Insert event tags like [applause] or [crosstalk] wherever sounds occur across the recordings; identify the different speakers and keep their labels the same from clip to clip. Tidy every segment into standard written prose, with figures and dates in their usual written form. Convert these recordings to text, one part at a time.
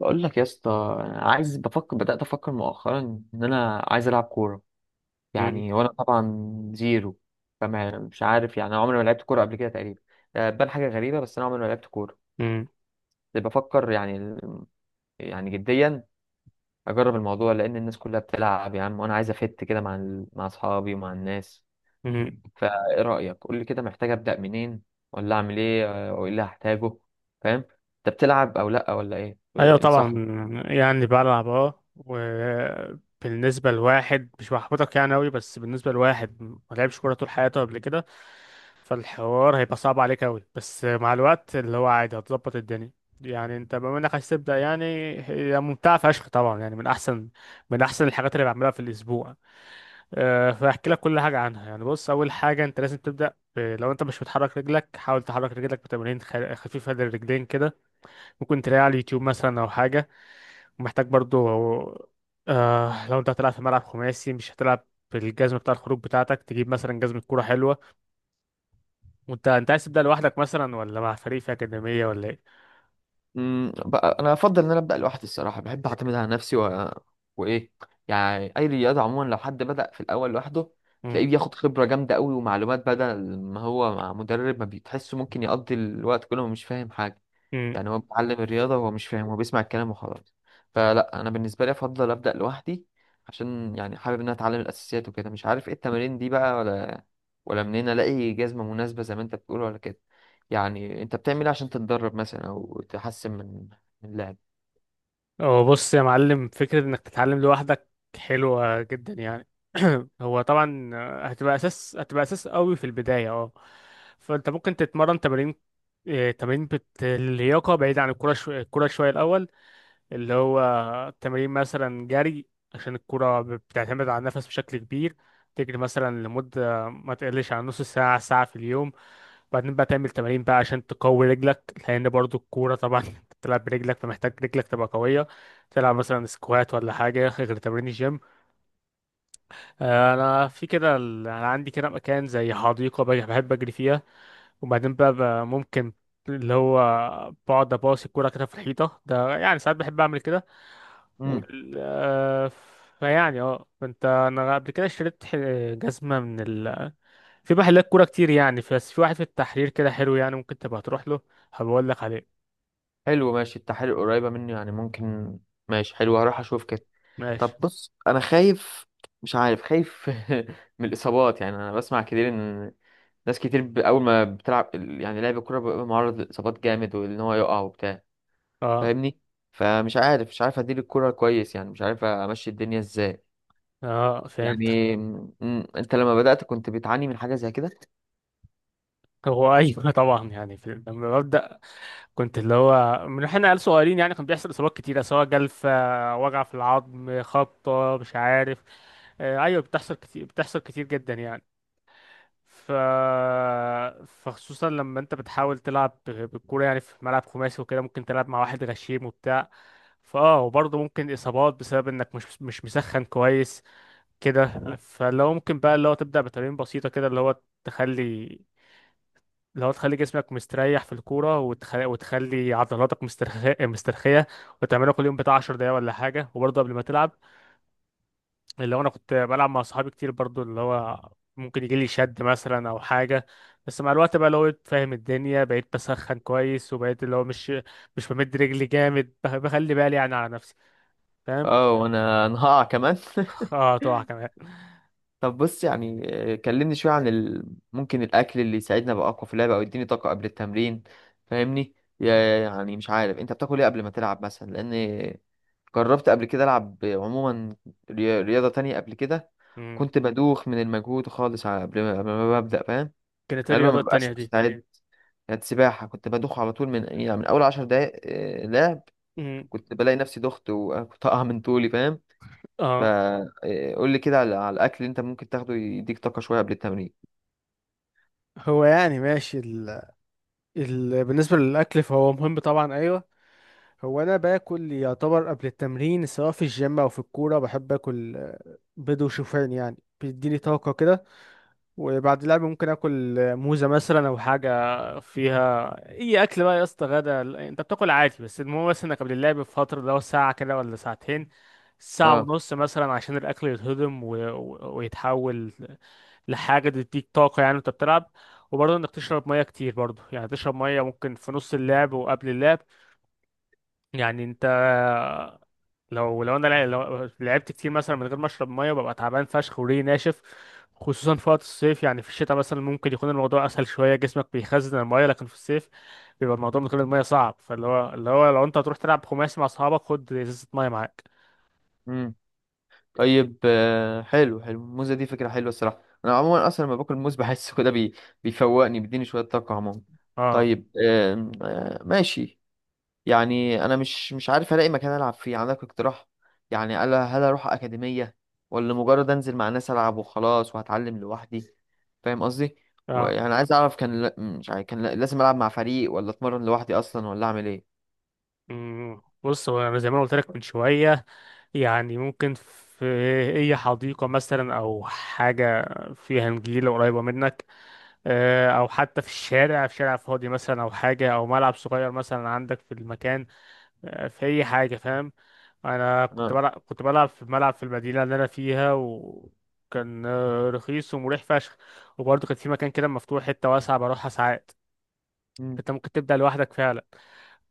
Speaker 1: بقول لك يا اسطى، أنا عايز بفكر بدأت أفكر مؤخرا إن أنا عايز ألعب كورة
Speaker 2: مم.
Speaker 1: يعني، وأنا طبعا زيرو. فما مش عارف يعني، أنا عمري ما لعبت كورة قبل كده تقريبا. آه، بان حاجة غريبة، بس أنا عمري ما لعبت كورة.
Speaker 2: مم.
Speaker 1: بس بفكر يعني يعني جديا أجرب الموضوع، لأن الناس كلها بتلعب يا عم، وأنا عايز أفت كده مع أصحابي ومع الناس.
Speaker 2: مم.
Speaker 1: فإيه رأيك؟ قول لي كده، محتاج أبدأ منين ولا أعمل إيه؟ وإيه اللي هحتاجه؟ فاهم؟ أنت بتلعب أو لأ ولا إيه؟
Speaker 2: ايوه طبعا
Speaker 1: انصحني.
Speaker 2: يعني بلعب وبالنسبه لواحد مش بحبطك يعني قوي بس بالنسبه لواحد ما لعبش كوره طول حياته قبل كده، فالحوار هيبقى صعب عليك قوي بس مع الوقت اللي هو عادي هتظبط الدنيا. يعني انت بما انك عايز تبدا يعني هي ممتعه فشخ طبعا، يعني من احسن الحاجات اللي بعملها في الاسبوع. فاحكي لك كل حاجه عنها. يعني بص، اول حاجه انت لازم تبدا لو انت مش بتحرك رجلك حاول تحرك رجلك بتمارين خفيفه للرجلين كده. ممكن تلاقيه على اليوتيوب مثلا او حاجه. ومحتاج برضو لو انت هتلعب في ملعب خماسي مش هتلعب بالجزمه بتاع الخروج بتاعتك، تجيب مثلا جزمه كوره حلوه. وانت عايز تبدا لوحدك مثلا ولا مع فريق في اكاديميه ولا ايه؟
Speaker 1: بقى انا افضل ان انا ابدا لوحدي الصراحه، بحب اعتمد على نفسي وايه يعني. اي رياضه عموما لو حد بدا في الاول لوحده،
Speaker 2: امم
Speaker 1: تلاقيه بياخد خبره جامده قوي ومعلومات، بدل ما هو مع مدرب ما بيتحسه ممكن يقضي الوقت كله ومش فاهم حاجه.
Speaker 2: امم
Speaker 1: يعني هو بيتعلم الرياضه وهو مش فاهم، هو بيسمع الكلام وخلاص. فلا، انا بالنسبه لي افضل ابدا لوحدي، عشان يعني حابب ان انا اتعلم الاساسيات وكده. مش عارف ايه التمارين دي بقى، ولا منين الاقي جزمه مناسبه زي ما انت بتقول ولا كده. يعني انت بتعمل ايه عشان تتدرب مثلا او تحسن من اللعب؟
Speaker 2: هو بص يا معلم، فكره انك تتعلم لوحدك حلوه جدا يعني. [clears throat] هو طبعا هتبقى اساس قوي في البدايه. اه فانت ممكن تتمرن تمارين اللياقه بعيد عن الكوره، الكوره شويه الاول. اللي هو تمرين مثلا جري، عشان الكرة بتعتمد على النفس بشكل كبير. تجري مثلا لمدة ما تقلش عن نص ساعة ساعة في اليوم. بعدين بقى تعمل تمارين بقى عشان تقوي رجلك، لأن برضو الكورة طبعا [laughs] أنت بتلعب برجلك، فمحتاج رجلك تبقى قوية. تلعب مثلا سكوات ولا حاجة غير تمرين الجيم. أنا في كده أنا عندي كده مكان زي حديقة بحب أجري فيها. وبعدين بقى ممكن اللي هو بقعد اباصي الكوره كده في الحيطه ده، يعني ساعات بحب اعمل كده.
Speaker 1: امم.
Speaker 2: وال... آه، فيعني فانت انا قبل كده اشتريت جزمه من في محلات كوره كتير يعني، بس في واحد في التحرير كده حلو يعني، ممكن تبقى تروح له. هبقول لك عليه.
Speaker 1: حلو ماشي، التحاليل قريبة مني يعني ممكن. ماشي حلو، هروح اشوف كده. طب
Speaker 2: ماشي.
Speaker 1: بص، انا خايف، مش عارف، خايف [laughs] من الاصابات. يعني انا بسمع كتير ان ناس كتير اول ما بتلعب يعني، لعب الكرة بيبقى معرض للاصابات جامد، وان هو يقع وبتاع.
Speaker 2: اه
Speaker 1: فاهمني؟ فمش عارف مش عارف ادير الكرة كويس، يعني مش عارف امشي الدنيا ازاي.
Speaker 2: اه، فهمتك.
Speaker 1: يعني انت لما بدأت، كنت بتعاني من حاجة زي كده؟
Speaker 2: هو ايوه [laughs] طبعا يعني لما ببدا كنت اللي هو من احنا عيال صغيرين يعني، كان بيحصل اصابات كتيره، سواء جلفه، وجع في العظم، خبطه، مش عارف. ايوه بتحصل كتير، بتحصل كتير جدا يعني. ف فخصوصا لما انت بتحاول تلعب بالكوره يعني في ملعب خماسي وكده، ممكن تلعب مع واحد غشيم وبتاع. فاه، وبرضه ممكن اصابات بسبب انك مش مسخن كويس كده. فلو ممكن بقى اللي هو تبدا بتمارين بسيطه كده، اللي هو تخلي، لو تخلي جسمك مستريح في الكورة، وتخلي عضلاتك مسترخية مسترخية، وتعملها كل يوم بتاع 10 دقايق ولا حاجة. وبرضه قبل ما تلعب، اللي هو أنا كنت بلعب مع صحابي كتير برضه، اللي هو ممكن يجيلي شد مثلا أو حاجة. بس مع الوقت بقى اللي هو فاهم الدنيا، بقيت بسخن كويس، وبقيت اللي هو مش بمد رجلي جامد، بخلي بالي يعني على نفسي، فاهم.
Speaker 1: اه، وانا [laughs] انا هقع كمان [laughs]
Speaker 2: اه، تقع كمان.
Speaker 1: طب بص يعني، كلمني شوية ممكن الأكل اللي يساعدنا أبقى أقوى في اللعبة أو يديني طاقة قبل التمرين. فاهمني؟ يعني مش عارف أنت بتاكل إيه قبل ما تلعب مثلا، لأن جربت قبل كده ألعب عموما رياضة تانية قبل كده.
Speaker 2: مم.
Speaker 1: كنت بدوخ من المجهود خالص قبل ما ببدأ، فاهم؟
Speaker 2: كانت إيه
Speaker 1: غالبا ما
Speaker 2: الرياضة
Speaker 1: ببقاش
Speaker 2: التانية دي؟
Speaker 1: مستعد. كانت سباحة، كنت بدوخ على طول من يعني من أول 10 دقايق لعب.
Speaker 2: مم.
Speaker 1: كنت بلاقي نفسي دخت وطاقة من طولي، فاهم؟
Speaker 2: اه.
Speaker 1: فقول لي كده على الاكل اللي انت ممكن تاخده يديك طاقه شويه قبل التمرين.
Speaker 2: هو يعني ماشي بالنسبة للأكل فهو مهم طبعا، أيوه. هو انا باكل يعتبر قبل التمرين، سواء في الجيم او في الكوره، بحب اكل بيض وشوفان، يعني بيديني طاقه كده. وبعد اللعب ممكن اكل موزه مثلا او حاجه فيها اي اكل بقى يا اسطى. غدا انت بتاكل عادي، بس المهم بس انك قبل اللعب بفتره، لو ساعه كده ولا ساعتين، ساعه
Speaker 1: اه.
Speaker 2: ونص مثلا، عشان الاكل يتهضم ويتحول لحاجه تديك طاقه يعني وانت بتلعب. وبرضه انك تشرب ميه كتير برضه، يعني تشرب ميه ممكن في نص اللعب وقبل اللعب يعني. انت لو لعبت كتير مثلا من غير ما اشرب ميه، ببقى تعبان فشخ وريقي ناشف، خصوصا في وقت الصيف. يعني في الشتاء مثلا ممكن يكون الموضوع اسهل شويه، جسمك بيخزن الميه، لكن في الصيف بيبقى الموضوع من غير الميه صعب. فاللي هو اللي هو لو انت هتروح تلعب خماسي مع اصحابك، خد ازازه ميه معاك.
Speaker 1: امم. طيب حلو الموزه دي فكره حلوه الصراحه. انا عموما اصلا لما باكل موز بحس كده بيفوقني، بيديني شويه طاقه عموما.
Speaker 2: اه
Speaker 1: طيب آم، آه، ماشي. يعني انا مش عارف الاقي مكان العب فيه. عندك اقتراح؟ يعني هل اروح اكاديميه، ولا مجرد انزل مع ناس العب وخلاص وهتعلم لوحدي؟ فاهم قصدي؟
Speaker 2: اه.
Speaker 1: ويعني عايز اعرف كان لا- مش عارف كان لا- لازم العب مع فريق ولا اتمرن لوحدي اصلا ولا اعمل ايه؟
Speaker 2: بص، هو انا زي ما أنا قلت لك من شويه، يعني ممكن في اي حديقه مثلا او حاجه فيها نجيله قريبه منك، او حتى في الشارع، في شارع فاضي مثلا او حاجه، او ملعب صغير مثلا عندك في المكان، في اي حاجه، فاهم. انا كنت
Speaker 1: اه.
Speaker 2: بلعب كنت بلعب في ملعب في المدينه اللي انا فيها، وكان رخيص ومريح فشخ. وبرضه كان في مكان كده مفتوح، حته واسعه بروحها ساعات.
Speaker 1: مم.
Speaker 2: انت ممكن تبدا لوحدك فعلا.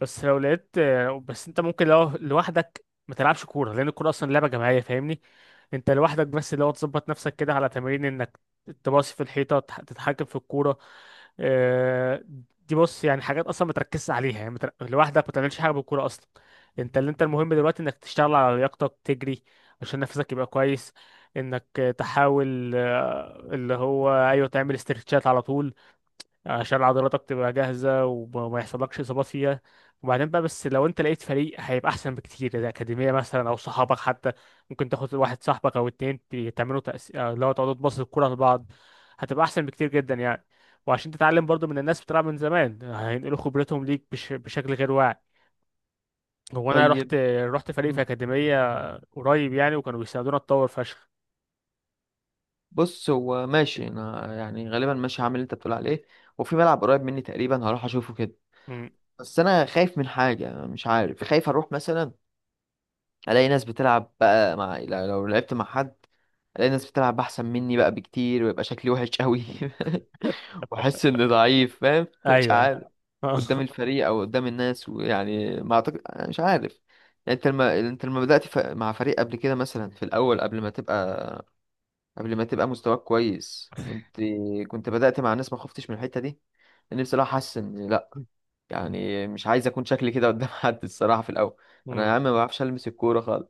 Speaker 2: بس لو لقيت بس انت ممكن لو لوحدك ما تلعبش كوره، لان الكوره اصلا لعبه جماعيه فاهمني. انت لوحدك بس لو تظبط نفسك كده على تمارين انك تباصي في الحيطه، تتحكم في الكوره. آه، دي بص يعني حاجات اصلا ما تركزش عليها، يعني ما تر- لوحدك ما تعملش حاجه بالكوره اصلا. انت المهم دلوقتي انك تشتغل على لياقتك، تجري عشان نفسك يبقى كويس. انك تحاول اللي هو ايوه، تعمل استرتشات على طول عشان عضلاتك تبقى جاهزة، وما يحصلكش إصابات فيها. وبعدين بقى، بس لو أنت لقيت فريق هيبقى أحسن بكتير، إذا أكاديمية مثلا أو صحابك حتى. ممكن تاخد واحد صاحبك أو اتنين، تعملوا تأس... آه، لو تقعدوا تباصوا الكورة لبعض، هتبقى أحسن بكتير جدا يعني. وعشان تتعلم برضو من الناس بتلعب من زمان، هينقلوا خبرتهم ليك بشكل غير واعي. هو أنا رحت
Speaker 1: طيب.
Speaker 2: رحت فريق في
Speaker 1: مم.
Speaker 2: أكاديمية قريب يعني، وكانوا بيساعدونا أتطور فشخ.
Speaker 1: بص هو ماشي، انا يعني غالبا ماشي هعمل اللي انت بتقول عليه. وفي ملعب قريب مني تقريبا، هروح اشوفه كده.
Speaker 2: مم.
Speaker 1: بس انا خايف من حاجه، أنا مش عارف. خايف اروح مثلا الاقي ناس بتلعب بقى، مع لو لو لعبت مع حد، الاقي ناس بتلعب احسن مني بقى بكتير، ويبقى شكلي وحش قوي [laughs] واحس اني ضعيف. فاهم؟ [laughs] مش
Speaker 2: ايوه.
Speaker 1: عارف. قدام
Speaker 2: [laughs]
Speaker 1: الفريق او قدام الناس. ويعني ما اعتقد، أنا مش عارف. يعني انت لما بدأت مع فريق قبل كده مثلا في الاول، قبل ما تبقى مستواك كويس، كنت بدأت مع ناس، ما خفتش من الحتة دي؟ لأني بصراحة حاسس إن لأ، يعني مش عايز أكون شكلي كده قدام [laughs] حد الصراحة في الأول. أنا يا
Speaker 2: مم.
Speaker 1: عم ما بعرفش ألمس الكورة خالص،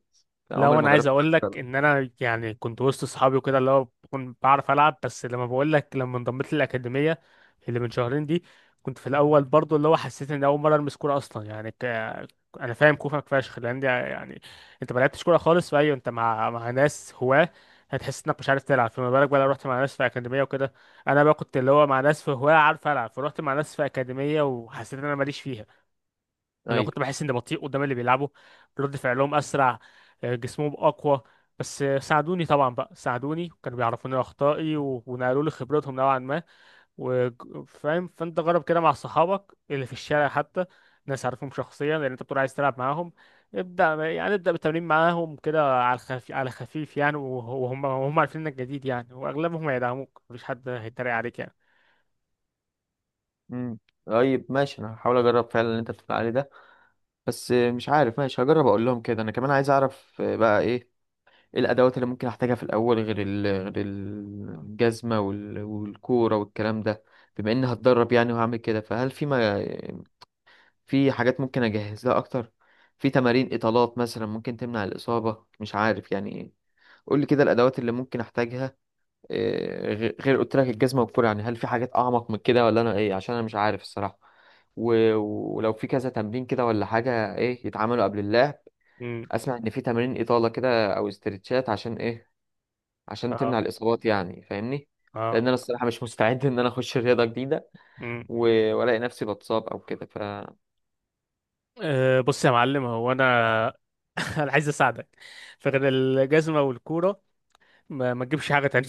Speaker 1: أنا
Speaker 2: لو
Speaker 1: عمري ما
Speaker 2: انا عايز
Speaker 1: جربت ألعب
Speaker 2: اقول لك،
Speaker 1: كورة.
Speaker 2: ان انا يعني كنت وسط اصحابي وكده، اللي هو بكون بعرف العب. بس لما بقول لك، لما انضميت للاكاديميه اللي من شهرين دي، كنت في الاول برضو اللي هو حسيت ان اول مره المس كوره اصلا يعني، انا فاهم كوفك فشخ، لان دي يعني انت ما لعبتش كوره خالص. فايوه انت مع ناس هواه هتحس انك مش عارف تلعب، فما بالك بقى لو رحت مع ناس في اكاديميه وكده. انا بقى كنت اللي هو مع ناس في هواه عارف العب، فرحت مع ناس في اكاديميه وحسيت ان انا ماليش فيها.
Speaker 1: لا.
Speaker 2: لو كنت
Speaker 1: أيوة.
Speaker 2: بحس اني بطيء قدام اللي بيلعبوا، رد فعلهم اسرع، جسمهم اقوى. بس ساعدوني طبعا بقى، ساعدوني، كانوا بيعرفوني اخطائي ونقلوا لي خبرتهم نوعا ما، وفاهم. فانت جرب كده مع صحابك اللي في الشارع حتى، ناس عارفهم شخصيا، لان انت بتقول عايز تلعب معاهم. ابدا يعني، ابدا بالتمرين معاهم كده على الخفيف، على خفيف يعني، وهم عارفين انك جديد يعني، واغلبهم هيدعموك، مفيش حد هيتريق عليك يعني.
Speaker 1: أمم. طيب ماشي، أنا هحاول أجرب فعلا اللي أنت بتقول عليه ده. بس مش عارف، ماشي هجرب أقول لهم كده. أنا كمان عايز أعرف بقى إيه الأدوات اللي ممكن أحتاجها في الأول، غير
Speaker 2: آه.
Speaker 1: الجزمة والكورة والكلام ده. بما إني هتدرب يعني وهعمل كده، فهل في ما في حاجات ممكن اجهز لها اكتر؟ في تمارين اطالات مثلا ممكن تمنع الاصابه، مش عارف يعني. قول لي كده الادوات اللي ممكن احتاجها، غير قلت لك الجزمه والكوره. يعني هل في حاجات اعمق من كده ولا انا ايه؟ عشان انا مش عارف الصراحه. و- ولو في كذا تمرين كده ولا حاجه ايه يتعملوا قبل اللعب.
Speaker 2: امم
Speaker 1: اسمع ان في تمارين اطاله كده او استرتشات، عشان ايه؟ عشان
Speaker 2: اه
Speaker 1: تمنع الاصابات يعني، فاهمني؟ لان
Speaker 2: اه
Speaker 1: انا الصراحه مش مستعد ان انا اخش رياضه جديده
Speaker 2: امم.
Speaker 1: والاقي نفسي بتصاب او كده،
Speaker 2: أه بص يا معلم، هو انا [laughs] انا عايز اساعدك. فغير الجزمه والكوره ما تجيبش حاجه تانية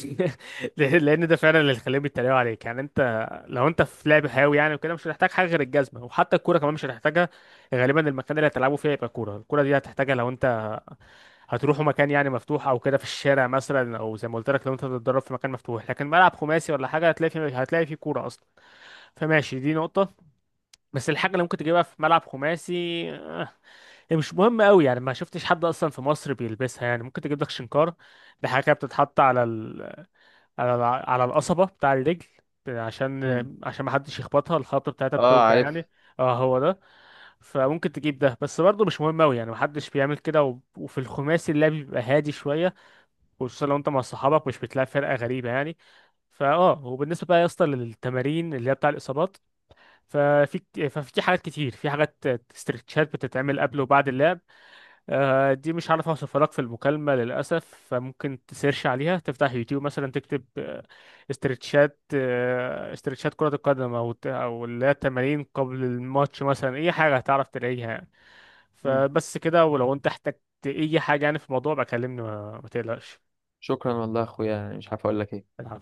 Speaker 2: [laughs] لان ده فعلا اللي خليهم يتريقوا عليك يعني. انت لو انت في لعب حيوي يعني وكده، مش هتحتاج حاجه غير الجزمه، وحتى الكوره كمان مش هتحتاجها غالبا. المكان اللي هتلعبوا فيه هيبقى كوره، الكوره دي هتحتاجها لو انت هتروحوا مكان يعني مفتوح او كده، في الشارع مثلا، او زي ما قلت لك لو انت هتتدرب في مكان مفتوح. لكن ملعب خماسي ولا حاجه، هتلاقي فيه كوره اصلا. فماشي، دي نقطه. بس الحاجه اللي ممكن تجيبها في ملعب خماسي هي مش مهم قوي يعني، ما شفتش حد اصلا في مصر بيلبسها يعني. ممكن تجيب لك شنكار، دي حاجه كده بتتحط على على القصبه بتاع الرجل، عشان
Speaker 1: مم.
Speaker 2: عشان ما حدش يخبطها، الخبطه بتاعتها
Speaker 1: اه
Speaker 2: بتوجع
Speaker 1: عارف.
Speaker 2: يعني. اه هو ده. فممكن تجيب ده، بس برضه مش مهم قوي يعني، ما حدش بيعمل كده. وفي الخماسي اللعب بيبقى هادي شويه، خصوصا لو انت مع صحابك مش بتلاقي فرقه غريبه يعني. فاه، وبالنسبه بقى يا اسطى للتمارين اللي هي بتاع الاصابات، ففي حاجات كتير، في حاجات استرتشات بتتعمل قبل وبعد اللعب. دي مش عارف اوصفها لك في المكالمة للأسف، فممكن تسيرش عليها، تفتح يوتيوب مثلا، تكتب استرتشات، استرتشات كرة القدم، أو أو اللي هي التمارين قبل الماتش مثلا، أي حاجة هتعرف تلاقيها يعني. فبس كده، ولو أنت احتجت أي حاجة يعني في الموضوع، بكلمني ما تقلقش.
Speaker 1: شكرا والله يا اخويا، يعني مش عارف اقول لك ايه.
Speaker 2: العفو.